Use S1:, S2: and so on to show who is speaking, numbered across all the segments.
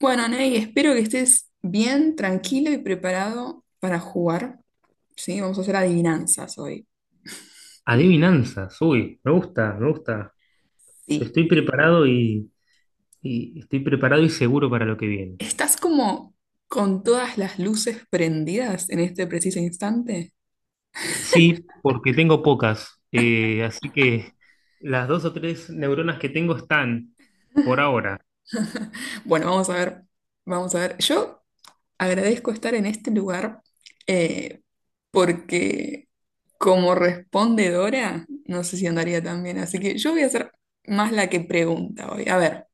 S1: Bueno, Ney, espero que estés bien, tranquilo y preparado para jugar. Sí, vamos a hacer adivinanzas hoy.
S2: Adivinanzas, uy, me gusta, me gusta.
S1: Sí.
S2: Estoy preparado y estoy preparado y seguro para lo que viene.
S1: ¿Estás como con todas las luces prendidas en este preciso instante?
S2: Sí, porque tengo pocas, así que las dos o tres neuronas que tengo están por ahora.
S1: Bueno, vamos a ver, vamos a ver. Yo agradezco estar en este lugar, eh, porque como respondedora, no sé si andaría tan bien, así que yo voy a ser más la que pregunta hoy. A ver,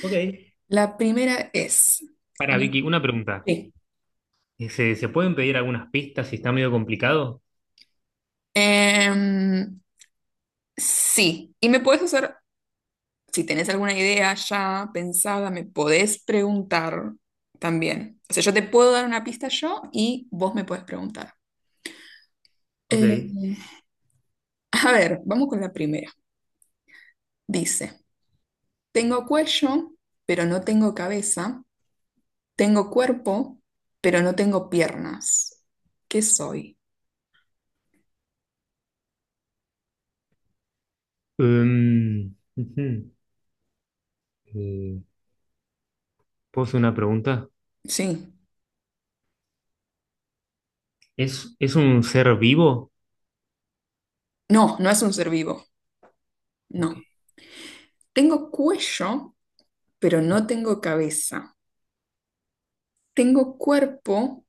S2: Ok.
S1: la primera es...
S2: Para Vicky, una pregunta.
S1: Sí.
S2: ¿Se pueden pedir algunas pistas si está medio complicado?
S1: Em, sí, y me puedes hacer, si tenés alguna idea ya pensada, me podés preguntar también. O sea, yo te puedo dar una pista yo y vos me podés preguntar. Eh,
S2: Ok.
S1: a ver, vamos con la primera. Dice, tengo cuello, pero no tengo cabeza. Tengo cuerpo, pero no tengo piernas. ¿Qué soy?
S2: Ujú. Eh, ¿Puedo hacer una pregunta?
S1: Sí.
S2: ¿Es un ser vivo?
S1: No, no es un ser vivo.
S2: Ok.
S1: No. Tengo cuello, pero no tengo cabeza. Tengo cuerpo,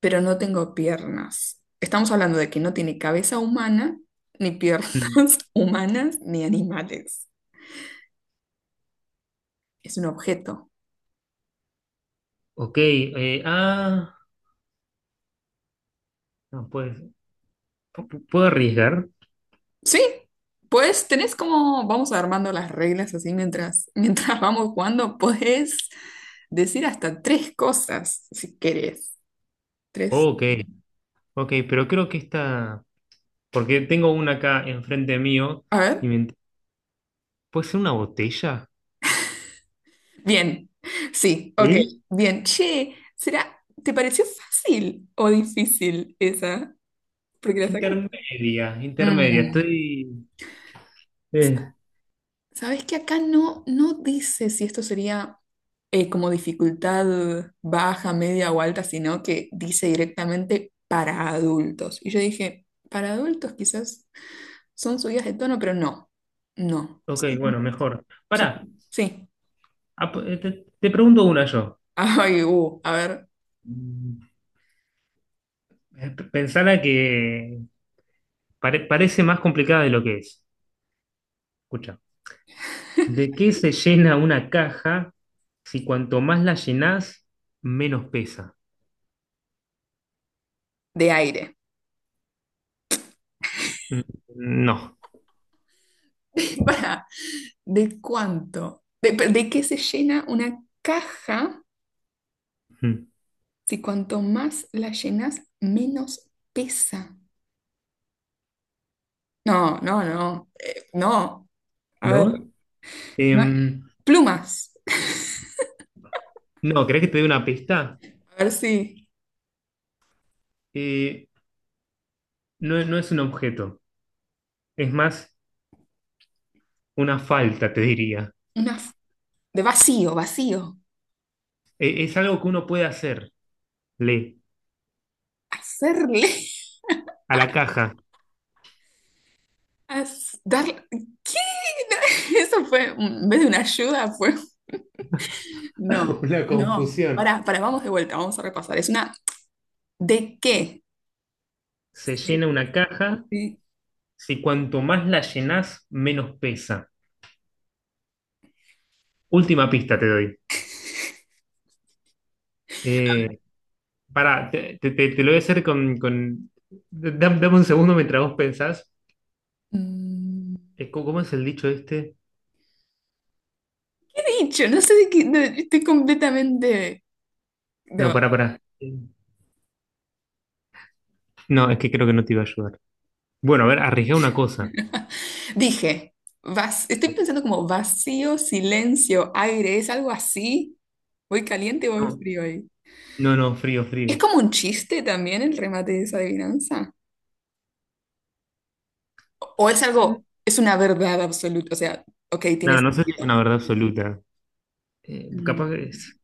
S1: pero no tengo piernas. Estamos hablando de que no tiene cabeza humana, ni piernas
S2: Mm.
S1: humanas, ni animales. Es un objeto.
S2: Ok, ah, no, pues. ¿Puedo arriesgar?
S1: Sí, pues tenés como, vamos armando las reglas así mientras, mientras vamos jugando, podés decir hasta tres cosas si querés. Tres.
S2: Ok, ok, pero creo que esta, porque tengo una acá enfrente mío
S1: A
S2: y
S1: ver.
S2: me ¿Puede ser una botella?
S1: Bien. Sí, ok.
S2: ¿Sí?
S1: Bien. Che, ¿será, te pareció fácil o difícil esa? Porque la sacamos.
S2: Intermedia, intermedia,
S1: Mm.
S2: eh,
S1: Sabes que acá no, no dice si esto sería, como dificultad baja, media o alta, sino que dice directamente para adultos. Y yo dije, para adultos quizás son subidas de tono, pero no, no.
S2: ok,
S1: Sí,
S2: bueno, mejor. Pará,
S1: sí.
S2: te, te pregunto una yo.
S1: Ay, a ver,
S2: Mm, Pensala que parece más complicada de lo que es. Escucha, ¿de qué se llena una caja si cuanto más la llenás, menos pesa?
S1: de aire.
S2: Mm, no.
S1: Para, ¿de cuánto? De qué se llena una caja
S2: Mm,
S1: si cuanto más la llenas, menos pesa? No, no, no, no. A ver,
S2: ¿no?
S1: no hay-
S2: Em,
S1: plumas.
S2: no, ¿querés que te dé una pista?
S1: A ver si.
S2: Eh, no, no es un objeto, es más una falta, te diría.
S1: Una f- de vacío, vacío.
S2: E- es algo que uno puede hacer, le,
S1: Hacerle.
S2: a la caja.
S1: ¿Qué? Eso fue. En vez de una ayuda, fue. No,
S2: Una
S1: no.
S2: confusión.
S1: Ahora, para, vamos de vuelta, vamos a repasar. Es una. ¿De qué?
S2: Se llena una caja,
S1: Sí.
S2: si cuanto más la llenás, menos pesa. Última pista te doy. Eh, pará, te lo voy a hacer con... Dame un segundo mientras vos pensás.
S1: Mm,
S2: ¿Cómo es el dicho este?
S1: ¿qué he dicho? No sé de qué. No, estoy completamente.
S2: No,
S1: No.
S2: pará, pará. No, es que creo que no te iba a ayudar. Bueno, a ver, arriesgá una cosa.
S1: Dije. Estoy pensando como vacío, silencio, aire. ¿Es algo así? ¿Voy caliente o voy
S2: No,
S1: frío ahí?
S2: no, no, frío,
S1: ¿Es
S2: frío.
S1: como un chiste también el remate de esa adivinanza? ¿O es algo, es una verdad absoluta? O sea, ok, tiene
S2: No, no sé si es una
S1: sentido.
S2: verdad absoluta.
S1: Mm.
S2: Capaz que es.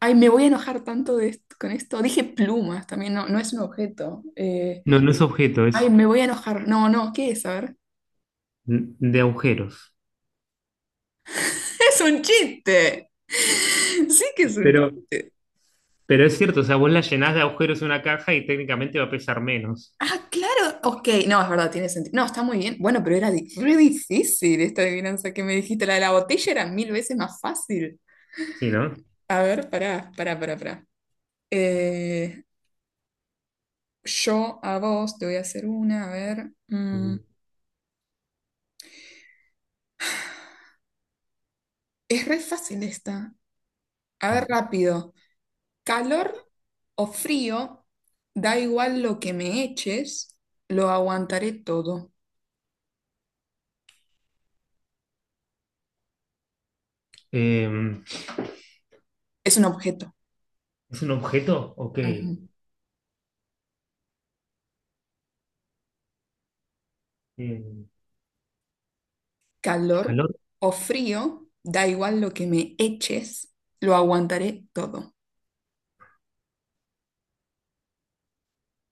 S1: Ay, me voy a enojar tanto con esto. Dije plumas también, no, no es un objeto.
S2: No, no es objeto,
S1: Ay,
S2: es
S1: me voy a enojar. No, no, ¿qué es? A ver.
S2: de agujeros.
S1: Es un chiste. Sí que es un
S2: Pero,
S1: chiste.
S2: pero es cierto, o sea, vos la llenás de agujeros una caja y técnicamente va a pesar menos.
S1: Ah, claro. Ok, no, es verdad, tiene sentido. No, está muy bien. Bueno, pero era re difícil esta adivinanza que me dijiste. La de la botella era 1000 veces más fácil.
S2: Sí, ¿no?
S1: A ver, pará, pará, pará, pará. Eh, yo a vos te voy a hacer una, a ver.
S2: Mm.
S1: Es re fácil esta. A
S2: A
S1: ver,
S2: ver.
S1: rápido. Calor o frío, da igual lo que me eches, lo aguantaré todo.
S2: Eh,
S1: Es un objeto.
S2: ¿Es un objeto? Ok.
S1: Ujú.
S2: Eh,
S1: Calor
S2: calor.
S1: o frío, da igual lo que me eches, lo aguantaré todo.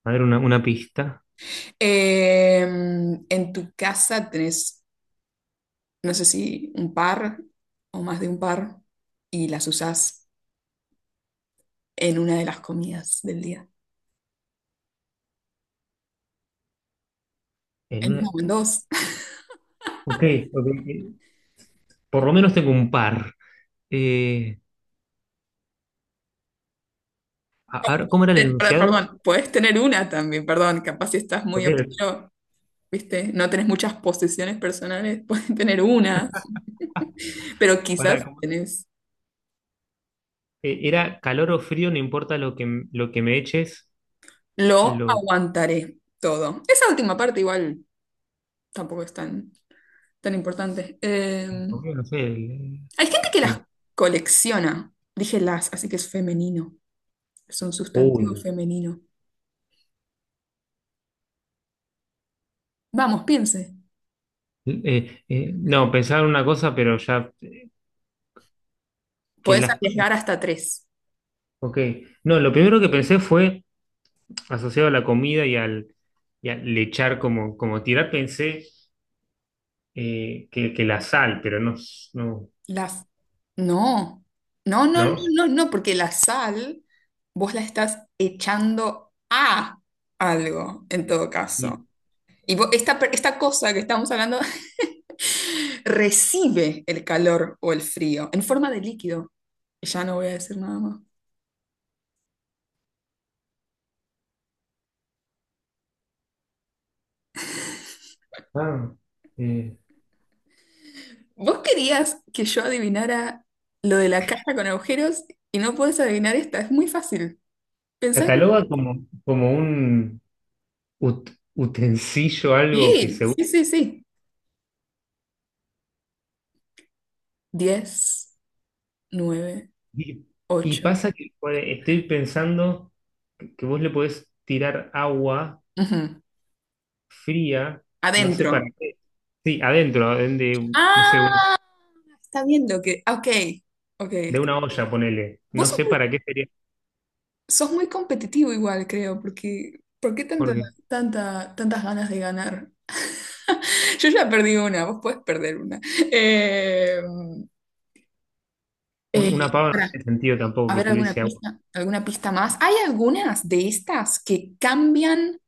S2: A ver, una pista.
S1: En tu casa tenés, no sé si un par o más de un par, y las usás en una de las comidas del día.
S2: En
S1: En una
S2: una-
S1: o en
S2: eh,
S1: dos.
S2: ok, ok. Por lo menos tengo un par. Eh, a ver, ¿cómo era el enunciado?
S1: Perdón, puedes tener una también, perdón, capaz si estás
S2: Ok,
S1: muy oscuro, ¿viste? No tenés muchas posesiones personales, puedes tener una, pero
S2: para,
S1: quizás tenés,
S2: era calor o frío, no importa lo que me eches,
S1: lo
S2: lo
S1: aguantaré todo. Esa última parte igual tampoco es tan, tan importante.
S2: no sé,
S1: Hay gente que las
S2: el-
S1: colecciona, dije las, así que es femenino, es un sustantivo
S2: Uy.
S1: femenino. Vamos, piense.
S2: No, pensaba en una cosa, pero ya que
S1: Podés
S2: las.
S1: arriesgar hasta tres.
S2: Ok, no, lo primero que pensé fue asociado a la comida y al echar como, como tirar, pensé que la sal, pero no, no,
S1: La, f- no, no, no, no,
S2: ¿no?
S1: no, no, porque la sal vos la estás echando a algo, en todo
S2: Y,
S1: caso. Y esta, esta cosa que estamos hablando recibe el calor o el frío en forma de líquido. Ya no voy a decir nada más.
S2: ah, eh,
S1: Vos querías que yo adivinara lo de la caja con agujeros y no puedes adivinar esta, es muy fácil. Pensá.
S2: cataloga como, como un utensilio, algo que
S1: Sí,
S2: se
S1: sí, sí, sí. 10, 9,
S2: Y, y
S1: 8.
S2: pasa que pues, estoy pensando que vos le podés tirar agua fría, no sé
S1: Adentro.
S2: para qué. Sí, adentro, no sé,
S1: Ah, está bien lo que. Ah, ok, ok.
S2: de una olla, ponele.
S1: Vos
S2: No sé para qué sería,
S1: sos muy competitivo igual, creo, porque ¿por qué tanta,
S2: porque
S1: tanta, tantas ganas de ganar? Yo ya perdí una, vos podés perder una. Eh, eh,
S2: una pava no
S1: pará,
S2: tiene sentido tampoco
S1: a
S2: que
S1: ver
S2: tuviese agua.
S1: alguna pista más. Hay algunas de estas que cambian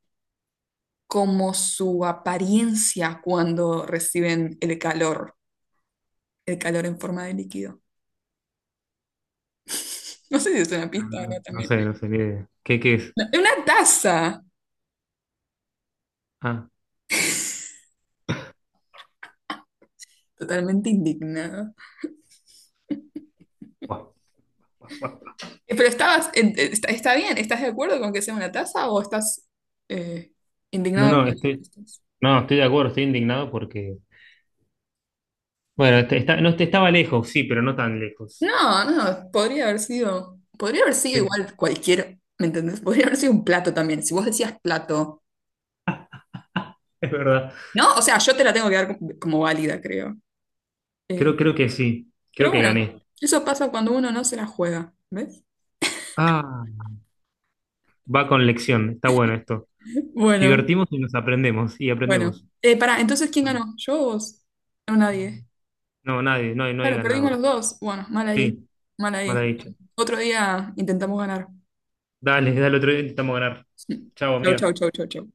S1: como su apariencia cuando reciben el calor en forma de líquido. No sé si es una
S2: No,
S1: pista o no
S2: no
S1: también.
S2: sé, no sé qué, qué, qué es.
S1: No, una taza.
S2: Ah,
S1: Totalmente indignada.
S2: guau, guau, guau.
S1: Pero estabas, está, está bien, ¿estás de acuerdo con que sea una taza o estás, eh,
S2: No,
S1: indignado con
S2: no,
S1: las
S2: estoy,
S1: respuestas?
S2: no, estoy de acuerdo, estoy indignado porque, bueno, está, no, este estaba lejos, sí, pero no tan lejos.
S1: No, no, podría haber sido
S2: Sí,
S1: igual cualquier, ¿me entendés? Podría haber sido un plato también, si vos decías plato,
S2: es verdad.
S1: ¿no? O sea, yo te la tengo que dar como, como válida, creo. Eh,
S2: Creo, creo que sí, creo
S1: pero
S2: que
S1: bueno,
S2: gané.
S1: eso pasa cuando uno no se la juega, ¿ves?
S2: Ah, va con lección, está bueno esto.
S1: Bueno,
S2: Divertimos y nos aprendemos, y
S1: bueno.
S2: aprendemos.
S1: Pará, entonces, ¿quién
S2: Bueno,
S1: ganó? ¿Yo o vos? No, nadie.
S2: no, nadie, no hay, no hay
S1: Claro, perdimos
S2: ganador.
S1: los dos. Bueno, mal ahí,
S2: Sí,
S1: mal ahí.
S2: mal dicho.
S1: Otro día intentamos ganar.
S2: Dale, dale otro día, intentamos ganar. Chao,
S1: Chau, chau,
S2: amiga.
S1: chau, chau, chau.